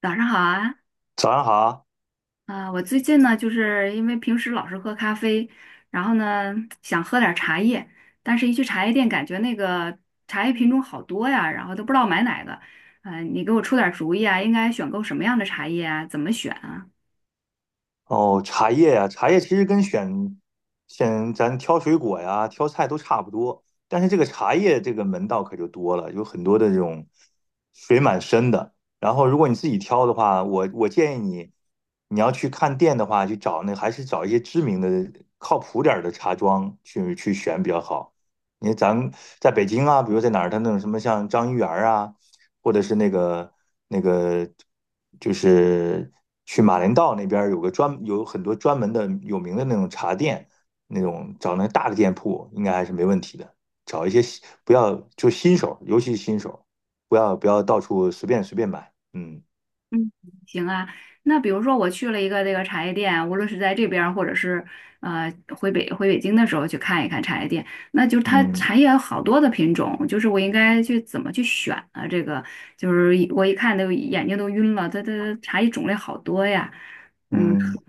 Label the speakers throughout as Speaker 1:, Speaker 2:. Speaker 1: 早上好啊，
Speaker 2: 早上好。
Speaker 1: 我最近呢，就是因为平时老是喝咖啡，然后呢想喝点儿茶叶，但是一去茶叶店，感觉那个茶叶品种好多呀，然后都不知道买哪个。你给我出点儿主意啊，应该选购什么样的茶叶啊？怎么选？
Speaker 2: 哦，茶叶呀、茶叶其实跟选咱挑水果呀、挑菜都差不多，但是这个茶叶这个门道可就多了，有很多的这种水蛮深的。然后如果你自己挑的话，我建议你，你要去看店的话，去找那还是找一些知名的、靠谱点儿的茶庄去选比较好。你为咱们在北京啊，比如在哪儿，它那种什么像张一元儿啊。或者是那个那个，就是去马连道那边有个专有很多专门的有名的那种茶店，那种找那大的店铺应该还是没问题的。找一些不要就新手，尤其是新手，不要到处随便买。嗯
Speaker 1: 嗯，行啊。那比如说我去了一个这个茶叶店，无论是在这边儿或者是呃回北京的时候去看一看茶叶店，那就是它
Speaker 2: 嗯
Speaker 1: 茶叶有好多的品种，就是我应该去怎么去选啊？这个就是我一看都眼睛都晕了，它茶叶种类好多呀。嗯。
Speaker 2: 嗯。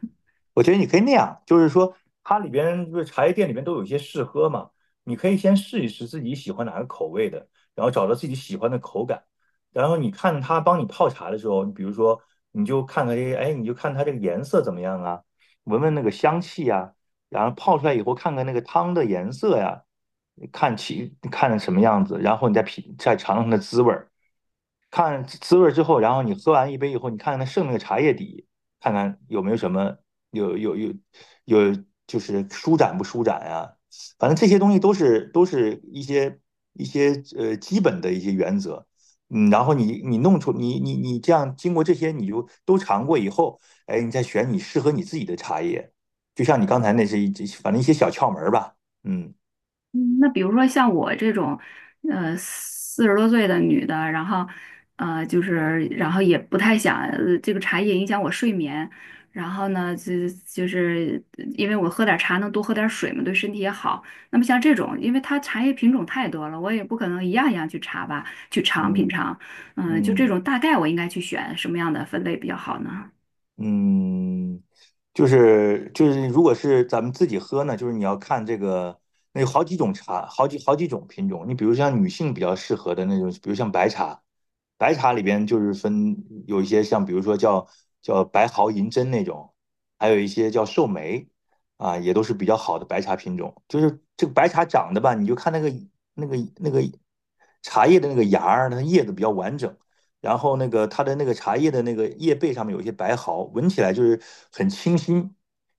Speaker 2: 我觉得你可以那样，就是说它里边不是茶叶店里面都有一些试喝嘛，你可以先试一试自己喜欢哪个口味的，然后找到自己喜欢的口感，然后你看它帮你泡茶的时候，你比如说你就看看这，哎，你就看它这个颜色怎么样啊，闻闻那个香气呀、然后泡出来以后看看那个汤的颜色呀、看起看成什么样子，然后你再品再尝尝它的滋味儿。看滋味之后，然后你喝完一杯以后，你看看它剩那个茶叶底，看看有没有什么有有有有就是舒展不舒展呀、反正这些东西都是一些一些基本的一些原则。嗯，然后你你弄出你你你这样经过这些，你就都尝过以后，哎，你再选你适合你自己的茶叶。就像你刚才那是一反正一些小窍门儿吧。嗯
Speaker 1: 嗯那比如说像我这种，40多岁的女的，然后，就是，然后也不太想，这个茶叶影响我睡眠，然后呢，就是因为我喝点茶能多喝点水嘛，对身体也好。那么像这种，因为它茶叶品种太多了，我也不可能一样一样去查吧，去品
Speaker 2: 嗯
Speaker 1: 尝。嗯，就这
Speaker 2: 嗯。
Speaker 1: 种大概我应该去选什么样的分类比较好呢？
Speaker 2: 嗯，就是，如果是咱们自己喝呢，就是你要看这个，那有好几种茶，好几种品种。你比如像女性比较适合的那种，比如像白茶，白茶里边就是分有一些像，比如说叫白毫银针那种，还有一些叫寿眉，啊，也都是比较好的白茶品种。就是这个白茶长得吧，你就看那个茶叶的那个芽儿，它叶子比较完整。然后那个它的那个茶叶的那个叶背上面有一些白毫，闻起来就是很清新，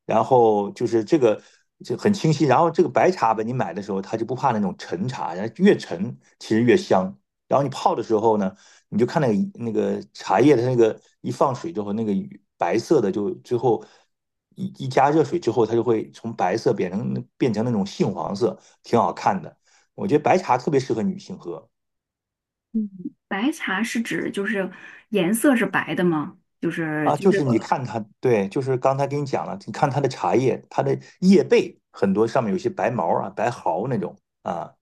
Speaker 2: 然后就是这个就很清新，然后这个白茶吧，你买的时候它就不怕那种陈茶，然后越陈其实越香，然后你泡的时候呢，你就看那个茶叶的那个一放水之后，那个白色的就最后。一加热水之后，它就会从白色变成那种杏黄色，挺好看的。我觉得白茶特别适合女性喝。
Speaker 1: 嗯，白茶是指就是颜色是白的吗？就是
Speaker 2: 啊，
Speaker 1: 就
Speaker 2: 就
Speaker 1: 这
Speaker 2: 是你
Speaker 1: 个。
Speaker 2: 看它，对，就是刚才给你讲了，你看它的茶叶，它的叶背很多上面有些白毛啊、白毫那种啊，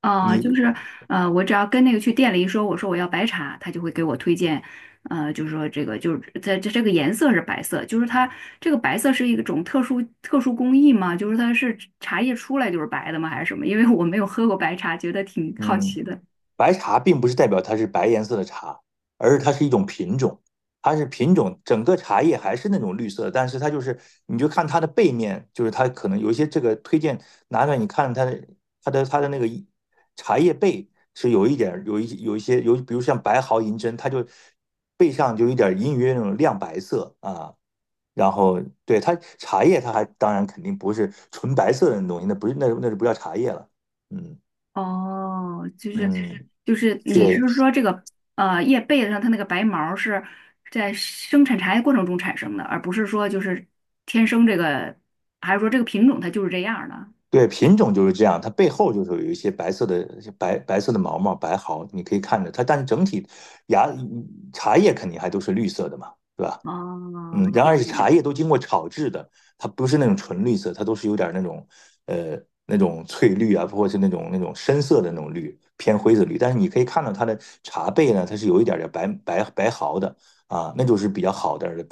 Speaker 1: 啊，
Speaker 2: 你
Speaker 1: 就是我只要跟那个去店里一说，我说我要白茶，他就会给我推荐，就是说这个就是在这这个颜色是白色，就是它这个白色是一种特殊工艺吗？就是它是茶叶出来就是白的吗？还是什么？因为我没有喝过白茶，觉得挺好
Speaker 2: 嗯，
Speaker 1: 奇的。
Speaker 2: 白茶并不是代表它是白颜色的茶，而是它是一种品种，它是品种，整个茶叶还是那种绿色，但是它就是你就看它的背面，就是它可能有一些这个推荐拿出来，你看它的它的那个茶叶背是有一点有一些有，比如像白毫银针，它就背上就有一点隐隐约约那种亮白色啊。然后对它茶叶，它还当然肯定不是纯白色的那种东西，那不是那就不叫茶叶了。嗯
Speaker 1: 哦，就是
Speaker 2: 嗯，
Speaker 1: 就是你
Speaker 2: 对。
Speaker 1: 是说这个叶背子上它那个白毛儿是在生产茶叶过程中产生的，而不是说就是天生这个，还是说这个品种它就是这样儿的？
Speaker 2: 对，品种就是这样，它背后就是有一些白色的白色的毛白毫，你可以看着它，但是整体芽茶叶肯定还都是绿色的嘛，对吧？
Speaker 1: 哦，
Speaker 2: 嗯，然而是茶
Speaker 1: 行，
Speaker 2: 叶都经过炒制的，它不是那种纯绿色，它都是有点那种呃那种翠绿啊，或者是那种深色的那种绿，偏灰色绿。但是你可以看到它的茶背呢，它是有一点点白白毫的啊，那就是比较好点的，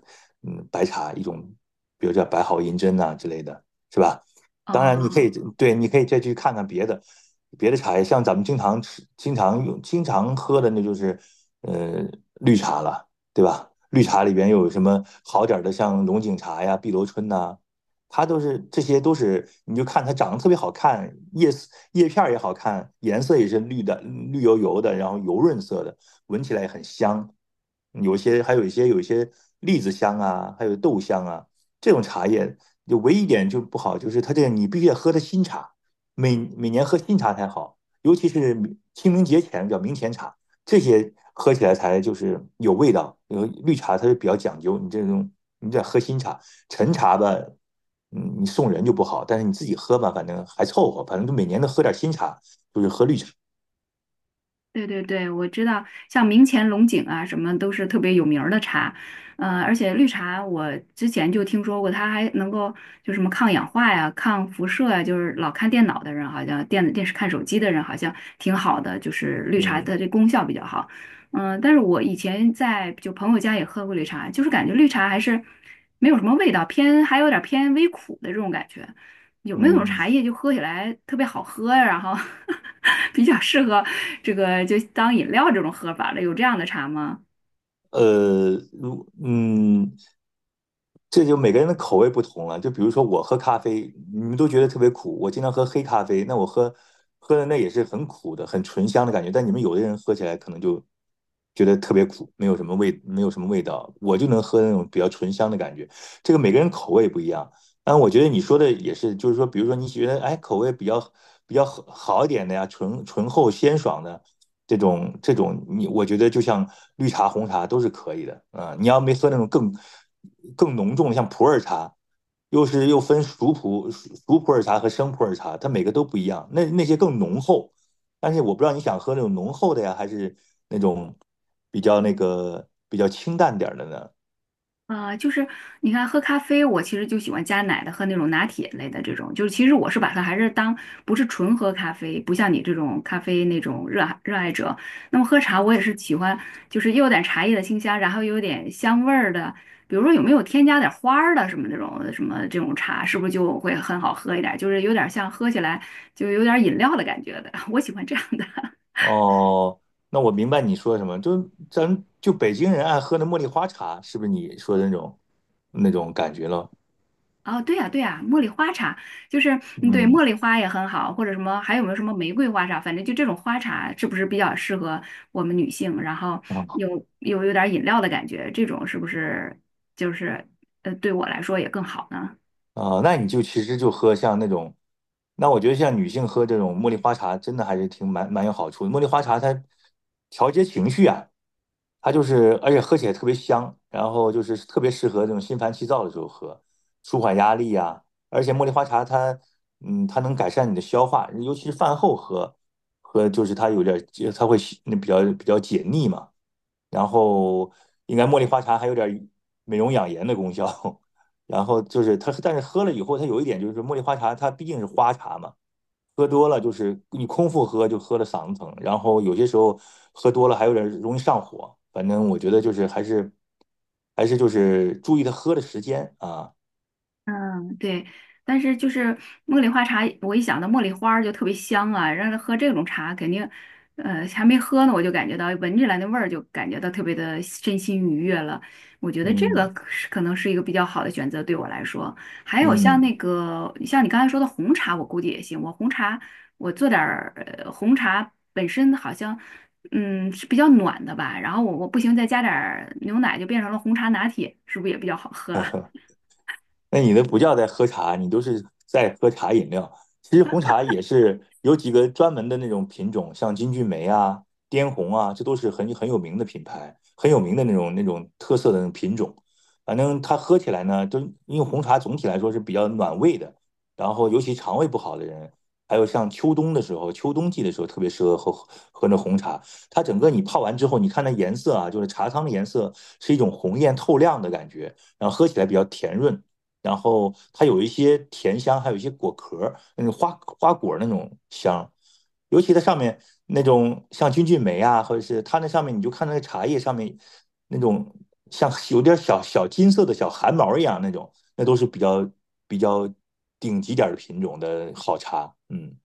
Speaker 2: 嗯，白茶一种，比如叫白毫银针呐、之类的，是吧？当然你可
Speaker 1: 哦，
Speaker 2: 以对，你可以再去看看别的茶叶，像咱们经常吃、经常用、经常喝的，那就是呃绿茶了。对吧？绿茶里边又有什么好点儿的，像龙井茶呀、碧螺春呐、它都是这些都是，你就看它长得特别好看，叶丝叶片儿也好看，颜色也是绿的，绿油油的，然后油润色的，闻起来也很香。有些还有一些有一些栗子香啊，还有豆香啊，这种茶叶就唯一一点就不好，就是它这个你必须得喝的新茶，每年喝新茶才好，尤其是清明节前叫明前茶。这些喝起来才就是有味道。因为绿茶它是比较讲究，你这种你在喝新茶，陈茶吧，嗯，你送人就不好，但是你自己喝吧，反正还凑合，反正就每年都喝点新茶，就是喝绿茶。
Speaker 1: 对对对，我知道，像明前龙井啊，什么都是特别有名儿的茶，而且绿茶我之前就听说过，它还能够就什么抗氧化呀、抗辐射呀，就是老看电脑的人好像电子电视看手机的人好像挺好的，就是绿茶的
Speaker 2: 嗯
Speaker 1: 这功效比较好，但是我以前在就朋友家也喝过绿茶，就是感觉绿茶还是没有什么味道，偏还有点儿偏微苦的这种感觉。有没有那种
Speaker 2: 嗯，
Speaker 1: 茶叶就喝起来特别好喝呀，然后 比较适合这个就当饮料这种喝法的，有这样的茶吗？
Speaker 2: 呃，如嗯，这就每个人的口味不同了。就比如说我喝咖啡，你们都觉得特别苦，我经常喝黑咖啡，那我喝喝的那也是很苦的，很醇香的感觉。但你们有的人喝起来可能就觉得特别苦，没有什么味，没有什么味道。我就能喝那种比较醇香的感觉。这个每个人口味不一样。但我觉得你说的也是，就是说，比如说你觉得哎口味比较好好一点的呀，醇厚鲜爽的，这种这种你，我觉得就像绿茶、红茶都是可以的啊、你要没喝那种更浓重的，像普洱茶，又是又分熟普洱茶和生普洱茶，它每个都不一样。那那些更浓厚，但是我不知道你想喝那种浓厚的呀，还是那种比较那个比较清淡点儿的呢？
Speaker 1: 就是你看，喝咖啡，我其实就喜欢加奶的，喝那种拿铁类的这种。就是其实我是把它还是当不是纯喝咖啡，不像你这种咖啡那种热爱者。那么喝茶，我也是喜欢，就是又有点茶叶的清香，然后又有点香味儿的。比如说有没有添加点花儿的什么这种茶，是不是就会很好喝一点？就是有点像喝起来就有点饮料的感觉的，我喜欢这样的。
Speaker 2: 哦，那我明白你说什么，就咱就北京人爱喝的茉莉花茶，是不是你说的那种感觉了？
Speaker 1: 哦，对呀，对呀，茉莉花茶就是嗯，对，
Speaker 2: 嗯
Speaker 1: 茉莉花也很好，或者什么，还有没有什么玫瑰花茶？反正就这种花茶是不是比较适合我们女性？然后
Speaker 2: 啊。
Speaker 1: 有有点饮料的感觉，这种是不是就是对我来说也更好呢？
Speaker 2: 啊、那你就其实就喝像那种，那我觉得像女性喝这种茉莉花茶，真的还是挺蛮有好处的。茉莉花茶它调节情绪啊，它就是而且喝起来特别香，然后就是特别适合这种心烦气躁的时候喝，舒缓压力啊。而且茉莉花茶它，嗯，它能改善你的消化，尤其是饭后喝，喝就是它有点儿它会那比较解腻嘛。然后应该茉莉花茶还有点美容养颜的功效。然后就是它，但是喝了以后，它有一点就是茉莉花茶，它毕竟是花茶嘛，喝多了就是你空腹喝就喝了嗓子疼，然后有些时候喝多了还有点容易上火。反正我觉得就是还是就是注意它喝的时间啊，
Speaker 1: 嗯，对，但是就是茉莉花茶，我一想到茉莉花儿就特别香啊，让他喝这种茶肯定，还没喝呢，我就感觉到闻起来那味儿就感觉到特别的身心愉悦了。我觉得这个
Speaker 2: 嗯
Speaker 1: 可能是一个比较好的选择对我来说。还有像那
Speaker 2: 嗯。
Speaker 1: 个像你刚才说的红茶，我估计也行。我做点儿红茶本身好像是比较暖的吧，然后我不行再加点儿牛奶就变成了红茶拿铁，是不是也比较好喝？啊？
Speaker 2: 那你那不叫在喝茶，你都是在喝茶饮料。其实红茶也是有几个专门的那种品种，像金骏眉啊、滇红啊，这都是很有名的品牌，很有名的那种特色的那种品种。反正它喝起来呢，就因为红茶总体来说是比较暖胃的，然后尤其肠胃不好的人，还有像秋冬的时候，秋冬季的时候特别适合喝那红茶。它整个你泡完之后，你看那颜色啊，就是茶汤的颜色是一种红艳透亮的感觉，然后喝起来比较甜润。然后它有一些甜香，还有一些果壳儿那种花花果那种香，尤其它上面那种像金骏眉啊，或者是它那上面，你就看那个茶叶上面那种像有点小小金色的小汗毛一样那种，那都是比较顶级点儿的品种的好茶，嗯。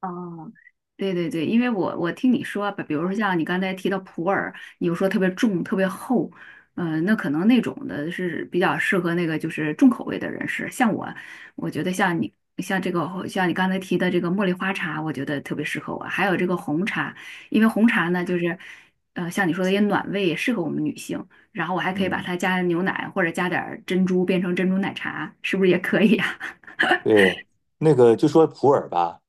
Speaker 1: 哦，对对对，因为我听你说啊，比如说像你刚才提到普洱，你又说特别重、特别厚，那可能那种的是比较适合那个就是重口味的人士。像我，我觉得像你刚才提的这个茉莉花茶，我觉得特别适合我。还有这个红茶，因为红茶呢就是，像你说的也暖胃，也适合我们女性。然后我还可以把
Speaker 2: 嗯，
Speaker 1: 它加牛奶或者加点儿珍珠，变成珍珠奶茶，是不是也可以啊？
Speaker 2: 对，那个就说普洱吧，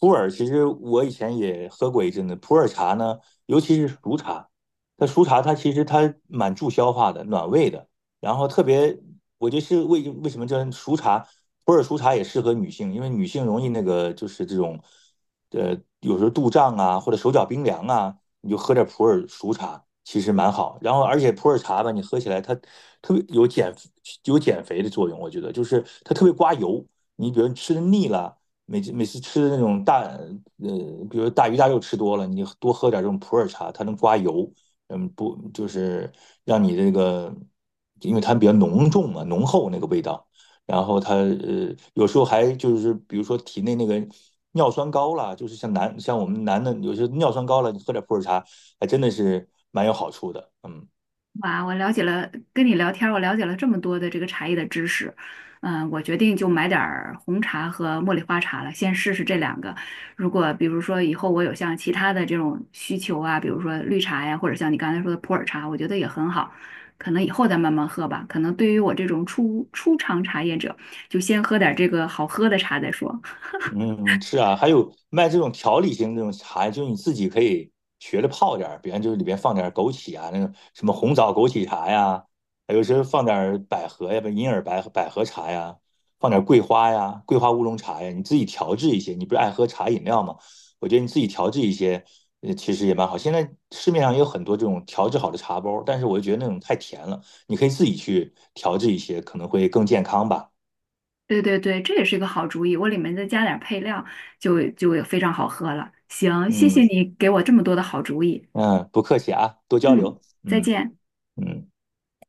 Speaker 2: 普洱其实我以前也喝过一阵子。普洱茶呢，尤其是熟茶，它熟茶它其实它蛮助消化的，暖胃的。然后特别，我觉得是为什么叫熟茶，普洱熟茶也适合女性，因为女性容易那个就是这种，呃，有时候肚胀啊或者手脚冰凉啊，你就喝点普洱熟茶，其实蛮好。然后而且普洱茶吧，你喝起来它特别有减肥的作用，我觉得就是它特别刮油。你比如你吃的腻了，每次吃的那种大比如大鱼大肉吃多了，你多喝点这种普洱茶，它能刮油，嗯，不就是让你这个，因为它比较浓重嘛，浓厚那个味道。然后它呃，有时候还就是比如说体内那个尿酸高了，就是像男像我们男的有些尿酸高了，你喝点普洱茶，还真的是蛮有好处的。嗯，
Speaker 1: 哇，我了解了，跟你聊天儿我了解了这么多的这个茶叶的知识，我决定就买点儿红茶和茉莉花茶了，先试试这两个。如果比如说以后我有像其他的这种需求啊，比如说绿茶呀，或者像你刚才说的普洱茶，我觉得也很好，可能以后再慢慢喝吧。可能对于我这种初尝茶叶者，就先喝点儿这个好喝的茶再说。
Speaker 2: 嗯，是啊，还有卖这种调理型这种茶，就你自己可以学着泡点儿，比方就是里边放点儿枸杞啊，那个什么红枣枸杞茶呀，还有时候放点儿百合呀，不银耳百合茶呀，放点儿桂花呀，桂花乌龙茶呀，你自己调制一些。你不是爱喝茶饮料吗？我觉得你自己调制一些，呃，其实也蛮好。现在市面上也有很多这种调制好的茶包儿，但是我就觉得那种太甜了，你可以自己去调制一些，可能会更健康吧。
Speaker 1: 对对对，这也是一个好主意，我里面再加点儿配料，就非常好喝了。行，谢
Speaker 2: 嗯
Speaker 1: 谢你给我这么多的好主意。
Speaker 2: 嗯，不客气啊，多交
Speaker 1: 嗯，
Speaker 2: 流。
Speaker 1: 再
Speaker 2: 嗯。
Speaker 1: 见。
Speaker 2: 嗯。